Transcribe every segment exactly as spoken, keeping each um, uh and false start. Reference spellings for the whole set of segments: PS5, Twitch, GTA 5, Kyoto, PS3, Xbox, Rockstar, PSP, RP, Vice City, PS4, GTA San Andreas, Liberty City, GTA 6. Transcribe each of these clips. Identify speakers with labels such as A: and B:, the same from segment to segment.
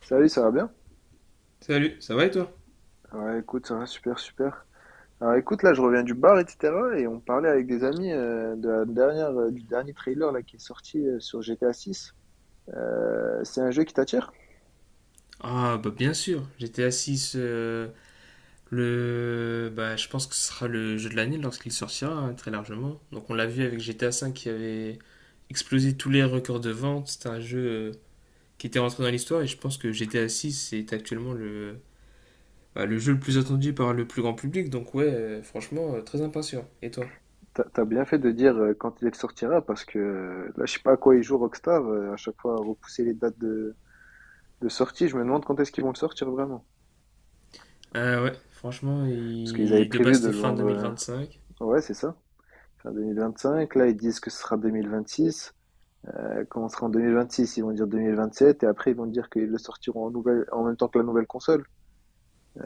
A: Salut, ça va bien?
B: Salut, ça va et toi?
A: Ouais, écoute, ça va super, super. Alors écoute, là, je reviens du bar, et cetera. Et on parlait avec des amis euh, de la dernière, euh, du dernier trailer là, qui est sorti euh, sur G T A six. C'est un jeu qui t'attire?
B: Ah, bah bien sûr, G T A six, euh, le, bah, je pense que ce sera le jeu de l'année lorsqu'il sortira, hein, très largement. Donc on l'a vu avec G T A cinq qui avait explosé tous les records de vente, c'était un jeu euh, qui était rentré dans l'histoire, et je pense que G T A six est actuellement le, bah, le jeu le plus attendu par le plus grand public. Donc ouais, euh, franchement, euh, très impatient. Et toi?
A: T'as t'as bien fait de dire euh, quand il sortira, parce que euh, là, je sais pas à quoi ils jouent Rockstar. Euh, à chaque fois, repousser les dates de, de sortie, je me demande quand est-ce qu'ils vont le sortir vraiment.
B: Ah ouais, franchement,
A: Parce qu'ils avaient
B: il- de base
A: prévu de
B: c'était
A: le
B: fin
A: vendre... euh,
B: deux mille vingt-cinq.
A: Ouais, c'est ça. Fin deux mille vingt-cinq, là, ils disent que ce sera deux mille vingt-six. Ça commencera en deux mille vingt-six, ils vont dire deux mille vingt-sept, et après ils vont dire qu'ils le sortiront en, nouvelle, en même temps que la nouvelle console.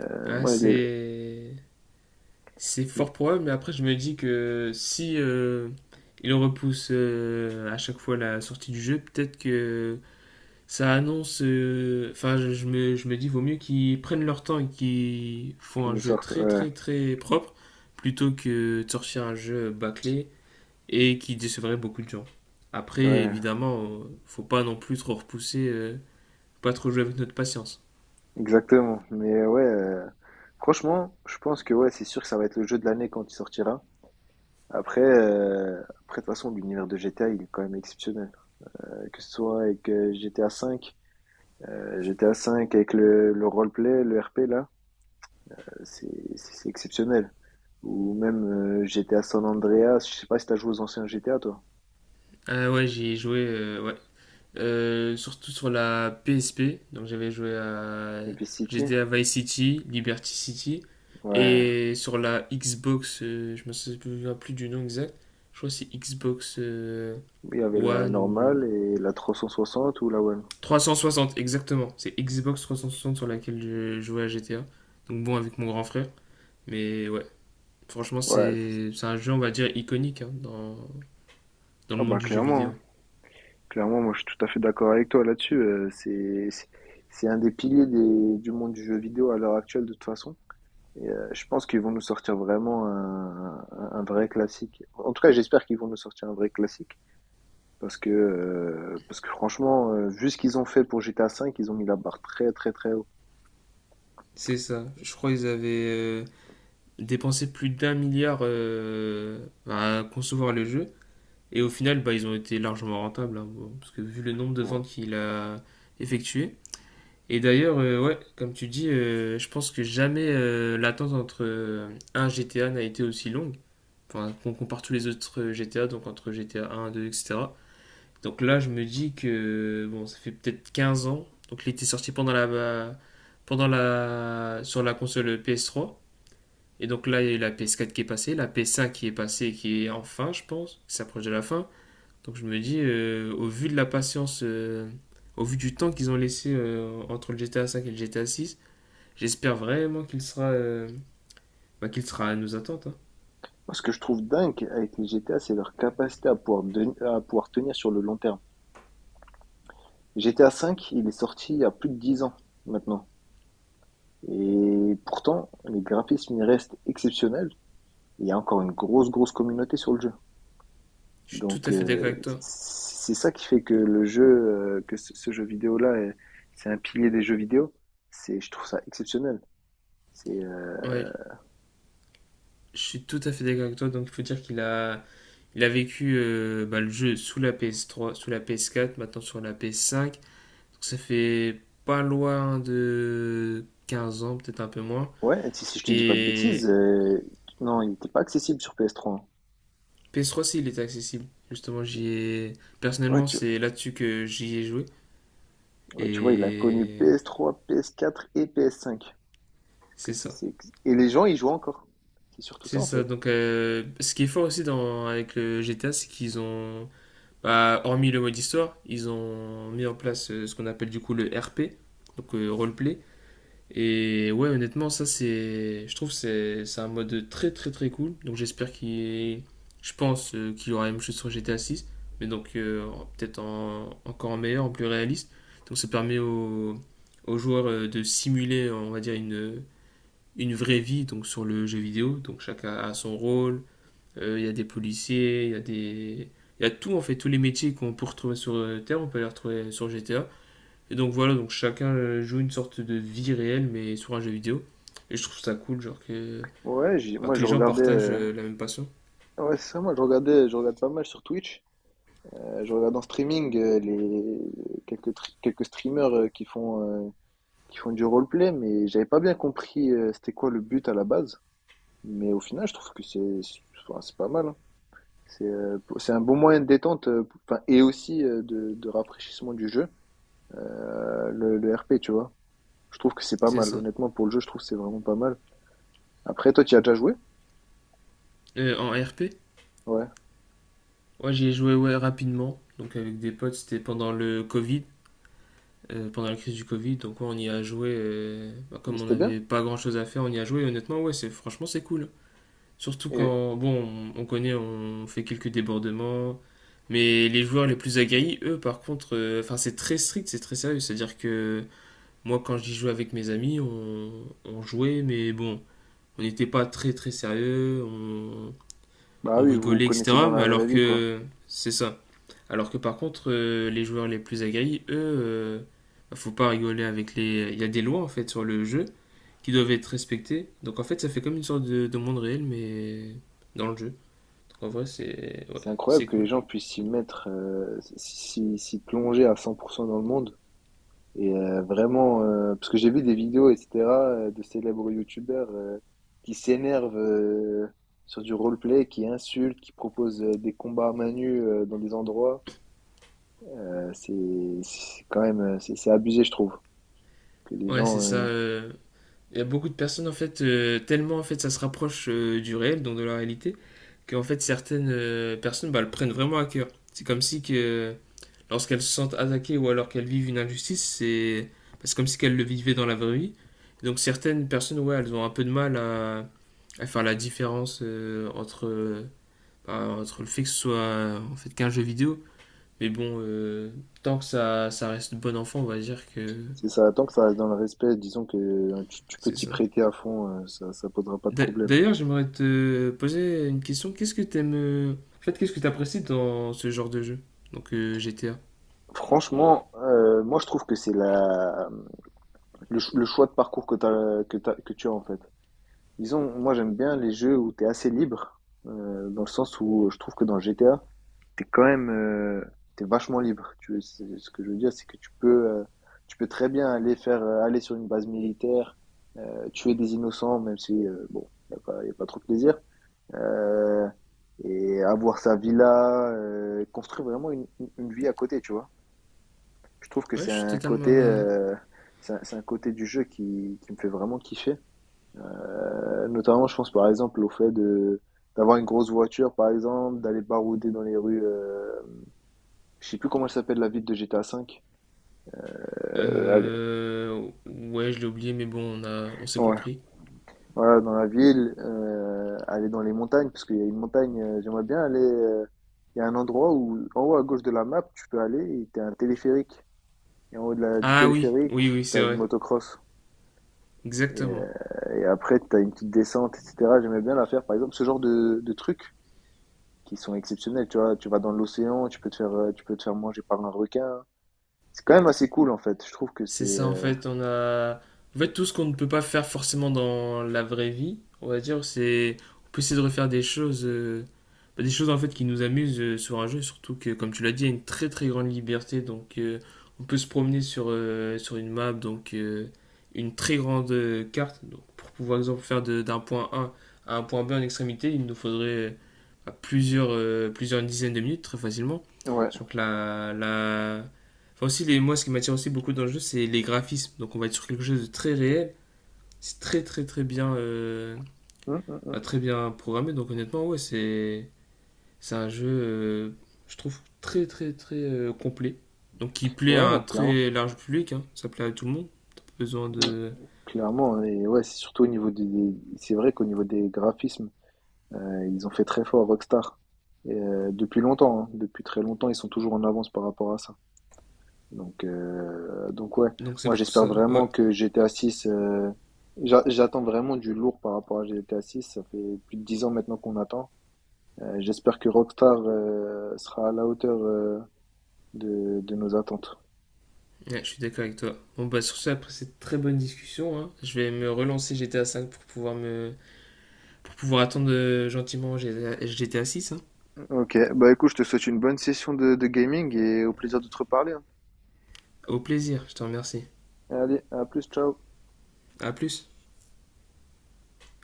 A: Euh,
B: Ah,
A: moi, les-
B: c'est... C'est fort probable, mais après, je me dis que si euh, il repousse euh, à chaque fois la sortie du jeu, peut-être que ça annonce. euh, Enfin, je, je me, je me dis, vaut mieux qu'ils prennent leur temps et qu'ils font
A: Qu'ils
B: un
A: nous
B: jeu
A: sortent,
B: très,
A: ouais,
B: très, très propre plutôt que de sortir un jeu bâclé et qui décevrait beaucoup de gens. Après,
A: ouais,
B: évidemment, euh, faut pas non plus trop repousser, euh, pas trop jouer avec notre patience.
A: exactement. Mais ouais, euh, franchement, je pense que ouais, c'est sûr que ça va être le jeu de l'année quand il sortira. Après, euh, après, de toute façon, l'univers de G T A, il est quand même exceptionnel. Euh, que ce soit avec euh, G T A cinq, euh, G T A cinq avec le, le roleplay, le R P là, euh, c'est c'est- c'est exceptionnel. Ou même euh, G T A San Andreas, je sais pas si t'as joué aux anciens G T A toi.
B: Ah ouais, j'ai joué, euh, ouais, euh, surtout sur la P S P. Donc j'avais joué à
A: Et puis City.
B: G T A Vice City, Liberty City.
A: Ouais,
B: Et sur la Xbox, euh, je me souviens plus du nom exact. Je crois que c'est Xbox euh,
A: il y avait la
B: One ou
A: normale et la trois cent soixante ou la One.
B: trois cent soixante exactement. C'est Xbox trois cent soixante sur laquelle je jouais à G T A. Donc bon, avec mon grand frère. Mais ouais, franchement,
A: Ouais, c'est-
B: c'est c'est un jeu on va dire iconique, hein, dans, dans le
A: ah
B: monde
A: bah
B: du jeu
A: clairement, hein.
B: vidéo.
A: Clairement, moi je suis tout à fait d'accord avec toi là-dessus. euh, c'est c'est c'est un des piliers des- du monde du jeu vidéo à l'heure actuelle de toute façon. Et euh, je pense qu'ils vont nous sortir vraiment un, un- un vrai classique. En tout cas, j'espère qu'ils vont nous sortir un vrai classique parce que euh, parce que franchement, euh, vu ce qu'ils ont fait pour G T A cinq ils ont mis la barre très très très haut.
B: C'est ça. Je crois qu'ils avaient euh, dépenser plus d'un milliard euh, à concevoir le jeu. Et au final, bah, ils ont été largement rentables, hein, bon, parce que vu le nombre de
A: Bon.
B: ventes qu'il a effectuées. Et d'ailleurs, euh, ouais, comme tu dis, euh, je pense que jamais euh, l'attente entre euh, un G T A n'a été aussi longue. Enfin, on compare tous les autres G T A, donc entre G T A un, deux, et cetera. Donc là, je me dis que bon, ça fait peut-être quinze ans. Donc il était sorti pendant la, bah, pendant la, sur la console P S trois. Et donc là, il y a eu la P S quatre qui est passée, la P S cinq qui est passée, qui est enfin, je pense, qui s'approche de la fin. Donc je me dis, euh, au vu de la patience, euh, au vu du temps qu'ils ont laissé euh, entre le G T A cinq et le G T A six, j'espère vraiment qu'il sera, euh, bah, qu'il sera à nos attentes, hein.
A: Moi, Ce que je trouve dingue avec les G T A, c'est leur capacité à pouvoir, den- à pouvoir tenir sur le long terme. G T A V, il est sorti il y a plus de dix ans maintenant. Et pourtant, les graphismes, ils restent exceptionnels. Il y a encore une grosse, grosse communauté sur le jeu.
B: Je suis tout
A: Donc,
B: à fait
A: euh,
B: d'accord avec toi.
A: c'est ça qui fait que le jeu, euh, que ce, ce jeu vidéo-là, est- c'est un pilier des jeux vidéo. C'est, je trouve ça exceptionnel. C'est, euh,
B: Ouais, je suis tout à fait d'accord avec toi. Donc il faut dire qu'il a, il a vécu euh, bah, le jeu sous la P S trois, sous la P S quatre, maintenant sur la P S cinq. Donc ça fait pas loin de quinze ans, peut-être un peu moins.
A: ouais, si, si je te dis pas de bêtises,
B: Et
A: euh, non, il n'était pas accessible sur P S trois. Hein.
B: P S trois, si, il était accessible. Justement, j'y ai...
A: Ouais,
B: Personnellement,
A: tu,
B: c'est là-dessus que j'y ai joué.
A: ouais, tu vois, il a connu
B: Et
A: P S trois, P S quatre et P S cinq. Que
B: c'est
A: c'est,
B: ça.
A: c'est... Et les gens, ils jouent encore. C'est surtout ça,
B: C'est
A: en
B: ça.
A: fait.
B: Donc, euh, ce qui est fort aussi dans... avec le G T A, c'est qu'ils ont... bah, hormis le mode histoire, ils ont mis en place euh, ce qu'on appelle du coup le R P, donc euh, roleplay. Et ouais, honnêtement, ça c'est, je trouve que c'est c'est un mode très très très cool. Donc j'espère qu'il, je pense euh, qu'il y aura la même chose sur G T A six, mais donc euh, peut-être en- encore en meilleur, en plus réaliste. Donc ça permet aux, aux joueurs euh, de simuler, on va dire, une une vraie vie donc sur le jeu vidéo. Donc chacun a son rôle. Euh, Il y a des policiers, il y a des, il y a tout, en fait tous les métiers qu'on peut retrouver sur euh, Terre, on peut les retrouver sur G T A. Et donc voilà, donc chacun euh, joue une sorte de vie réelle, mais sur un jeu vidéo. Et je trouve ça cool, genre que,
A: Ouais, j'ai-
B: bah,
A: moi
B: que
A: je
B: les gens
A: regardais.
B: partagent
A: euh,
B: euh, la même passion.
A: Ouais, c'est ça, moi je regardais, je regarde pas mal sur Twitch. Euh, je regarde en streaming euh, les quelques tri- quelques streamers euh, qui font euh, qui font du roleplay, mais j'avais pas bien compris euh, c'était quoi le but à la base. Mais au final, je trouve que c'est enfin, c'est pas mal. Hein. C'est euh, pour- c'est un bon moyen de détente, euh, pour- enfin, et aussi euh, de, de rafraîchissement du jeu. euh, le, le R P, tu vois. Je trouve que c'est pas
B: C'est
A: mal.
B: ça.
A: Honnêtement, pour le jeu, je trouve que c'est vraiment pas mal. Après, toi, tu y as déjà joué?
B: Euh, en R P,
A: Ouais.
B: ouais, j'y ai joué, ouais, rapidement. Donc avec des potes, c'était pendant le Covid, euh, pendant la crise du Covid. Donc ouais, on y a joué, euh, bah,
A: Et
B: comme on
A: c'était bien?
B: n'avait pas grand-chose à faire, on y a joué. Et honnêtement, ouais, c'est franchement c'est cool. Surtout
A: Et
B: quand, bon, on, on connaît, on fait quelques débordements. Mais les joueurs les plus aguerris, eux, par contre, euh, enfin c'est très strict, c'est très sérieux. C'est-à-dire que moi, quand j'y jouais avec mes amis, on, on jouait, mais bon, on n'était pas très très sérieux, on,
A: bah
B: on
A: oui, vous vous
B: rigolait,
A: connaissez dans
B: et cetera. Mais
A: la vraie
B: alors
A: vie, quoi.
B: que c'est ça. Alors que par contre, euh, les joueurs les plus aguerris, eux, euh, bah, faut pas rigoler avec les. Il y a des lois en fait sur le jeu qui doivent être respectées. Donc en fait, ça fait comme une sorte de, de monde réel, mais dans le jeu. Donc en vrai, c'est ouais,
A: C'est incroyable
B: c'est
A: que les
B: cool.
A: gens puissent s'y mettre, euh, s'y s'y plonger à cent pour cent dans le monde. Et euh, vraiment, euh, parce que j'ai vu des vidéos, et cetera, euh, de célèbres youtubeurs euh, qui s'énervent euh, sur du roleplay, qui insultent, qui proposent euh, des combats à main nue euh, dans des endroits. Euh, c'est c'est quand même, euh, c'est c'est abusé, je trouve. Que les
B: Ouais,
A: gens,
B: c'est ça.
A: euh,
B: euh, Il y a beaucoup de personnes, en fait, euh, tellement en fait, ça se rapproche euh, du réel, donc de la réalité, qu'en fait, certaines euh, personnes, bah, le prennent vraiment à cœur. C'est comme si que lorsqu'elles se sentent attaquées ou alors qu'elles vivent une injustice, c'est bah, c'est comme si qu'elles le vivaient dans la vraie vie. Donc certaines personnes, ouais, elles ont un peu de mal à, à faire la différence euh, entre, euh, bah, entre le fait que ce soit euh, en fait qu'un jeu vidéo. Mais bon, euh, tant que ça, ça reste bon enfant, on va dire que
A: c'est ça, tant que ça reste dans le respect, disons que euh, tu, tu peux
B: c'est
A: t'y
B: ça.
A: prêter à fond, euh, ça, ça posera pas de
B: D'a-
A: problème.
B: D'ailleurs, j'aimerais te poser une question. Qu'est-ce que t'aimes... euh, En fait, qu'est-ce que t'apprécies dans ce genre de jeu? Donc euh, G T A.
A: Franchement, euh, moi je trouve que c'est la le, ch- le choix de parcours que t'as, que t'as- que tu as en fait. Disons, moi j'aime bien les jeux où t'es assez libre, euh, dans le sens où je trouve que dans G T A, t'es quand même euh, t'es vachement libre. Tu, c'est- ce que je veux dire, c'est que tu peux euh, tu peux très bien aller faire euh, aller sur une base militaire, euh, tuer des innocents, même si euh, bon, y a pas, y a pas trop de plaisir. euh, et avoir sa villa, euh, construire vraiment une, une- vie à côté, tu vois. Je trouve que
B: Ouais,
A: c'est
B: je suis
A: un
B: totalement...
A: côté,
B: euh,
A: euh, c'est un, c'est un côté du jeu qui, qui me fait vraiment kiffer. Euh, notamment, je pense par exemple au fait de d'avoir une grosse voiture, par exemple, d'aller barouder dans les rues. Euh, je sais plus comment elle s'appelle la ville de G T A V. Euh, allez,
B: euh, Ouais, je l'ai oublié, mais bon, on a... on s'est
A: ouais,
B: compris.
A: voilà, dans la ville, euh, aller dans les montagnes, parce qu'il y a une montagne. Euh, j'aimerais bien aller. Euh, il y a un endroit où, en haut à gauche de la map, tu peux aller et t'as un téléphérique. Et en haut de la- du
B: Ah oui,
A: téléphérique,
B: oui, oui, c'est
A: t'as une
B: vrai.
A: motocross. Et,
B: Exactement.
A: euh, et après, t'as une petite descente, et cetera. J'aimais bien la faire, par exemple, ce genre de, de trucs qui sont exceptionnels. Tu vois, tu vas dans l'océan, tu peux te faire, euh, tu peux te faire manger par un requin. C'est quand même assez cool, en fait. Je trouve que c'est.
B: C'est ça, en
A: euh,
B: fait, on a en fait tout ce qu'on ne peut pas faire forcément dans la vraie vie, on va dire, c'est on peut essayer de refaire des choses euh, bah, des choses en fait qui nous amusent euh, sur un jeu, surtout que comme tu l'as dit, il y a une très très grande liberté. Donc euh, on peut se promener sur euh, sur une map, donc euh, une très grande euh, carte, donc pour pouvoir exemple faire de- d'un point A à un point B en extrémité, il nous faudrait euh, à plusieurs euh, plusieurs dizaines de minutes très facilement.
A: Ouais.
B: Donc la la Enfin aussi, les, moi, ce qui m'attire aussi beaucoup dans le jeu, c'est les graphismes. Donc on va être sur quelque chose de très réel. C'est très très très bien, euh,
A: Hum, hum, hum.
B: bah, très bien programmé. Donc honnêtement, ouais, c'est c'est un jeu, euh, je trouve, très très très euh, complet. Donc qui plaît à
A: Ouais,
B: un
A: non, clairement.
B: très large public, hein. Ça plaît à tout le monde. T'as pas besoin de
A: Clairement. Et ouais, c'est surtout au niveau des. des- C'est vrai qu'au niveau des graphismes, euh, ils ont fait très fort Rockstar. Et, euh, depuis longtemps, hein. Depuis très longtemps, ils sont toujours en avance par rapport à ça. Donc, euh, donc ouais,
B: donc c'est
A: moi
B: pour
A: j'espère
B: ça, ouais.
A: vraiment que G T A six. Euh, j'a- j'attends vraiment du lourd par rapport à G T A six ça fait plus de dix ans maintenant qu'on attend. Euh, j'espère que Rockstar euh, sera à la hauteur euh, de, de nos attentes.
B: Ouais, je suis d'accord avec toi. Bon, bah sur ça, après cette très bonne discussion, hein, je vais me relancer G T A cinq pour pouvoir me pour pouvoir attendre euh, gentiment G T A six.
A: Ok, bah écoute, je te souhaite une bonne session de, de gaming et au plaisir de te reparler. Hein.
B: Au plaisir, je te remercie.
A: Allez, à plus, ciao.
B: À plus.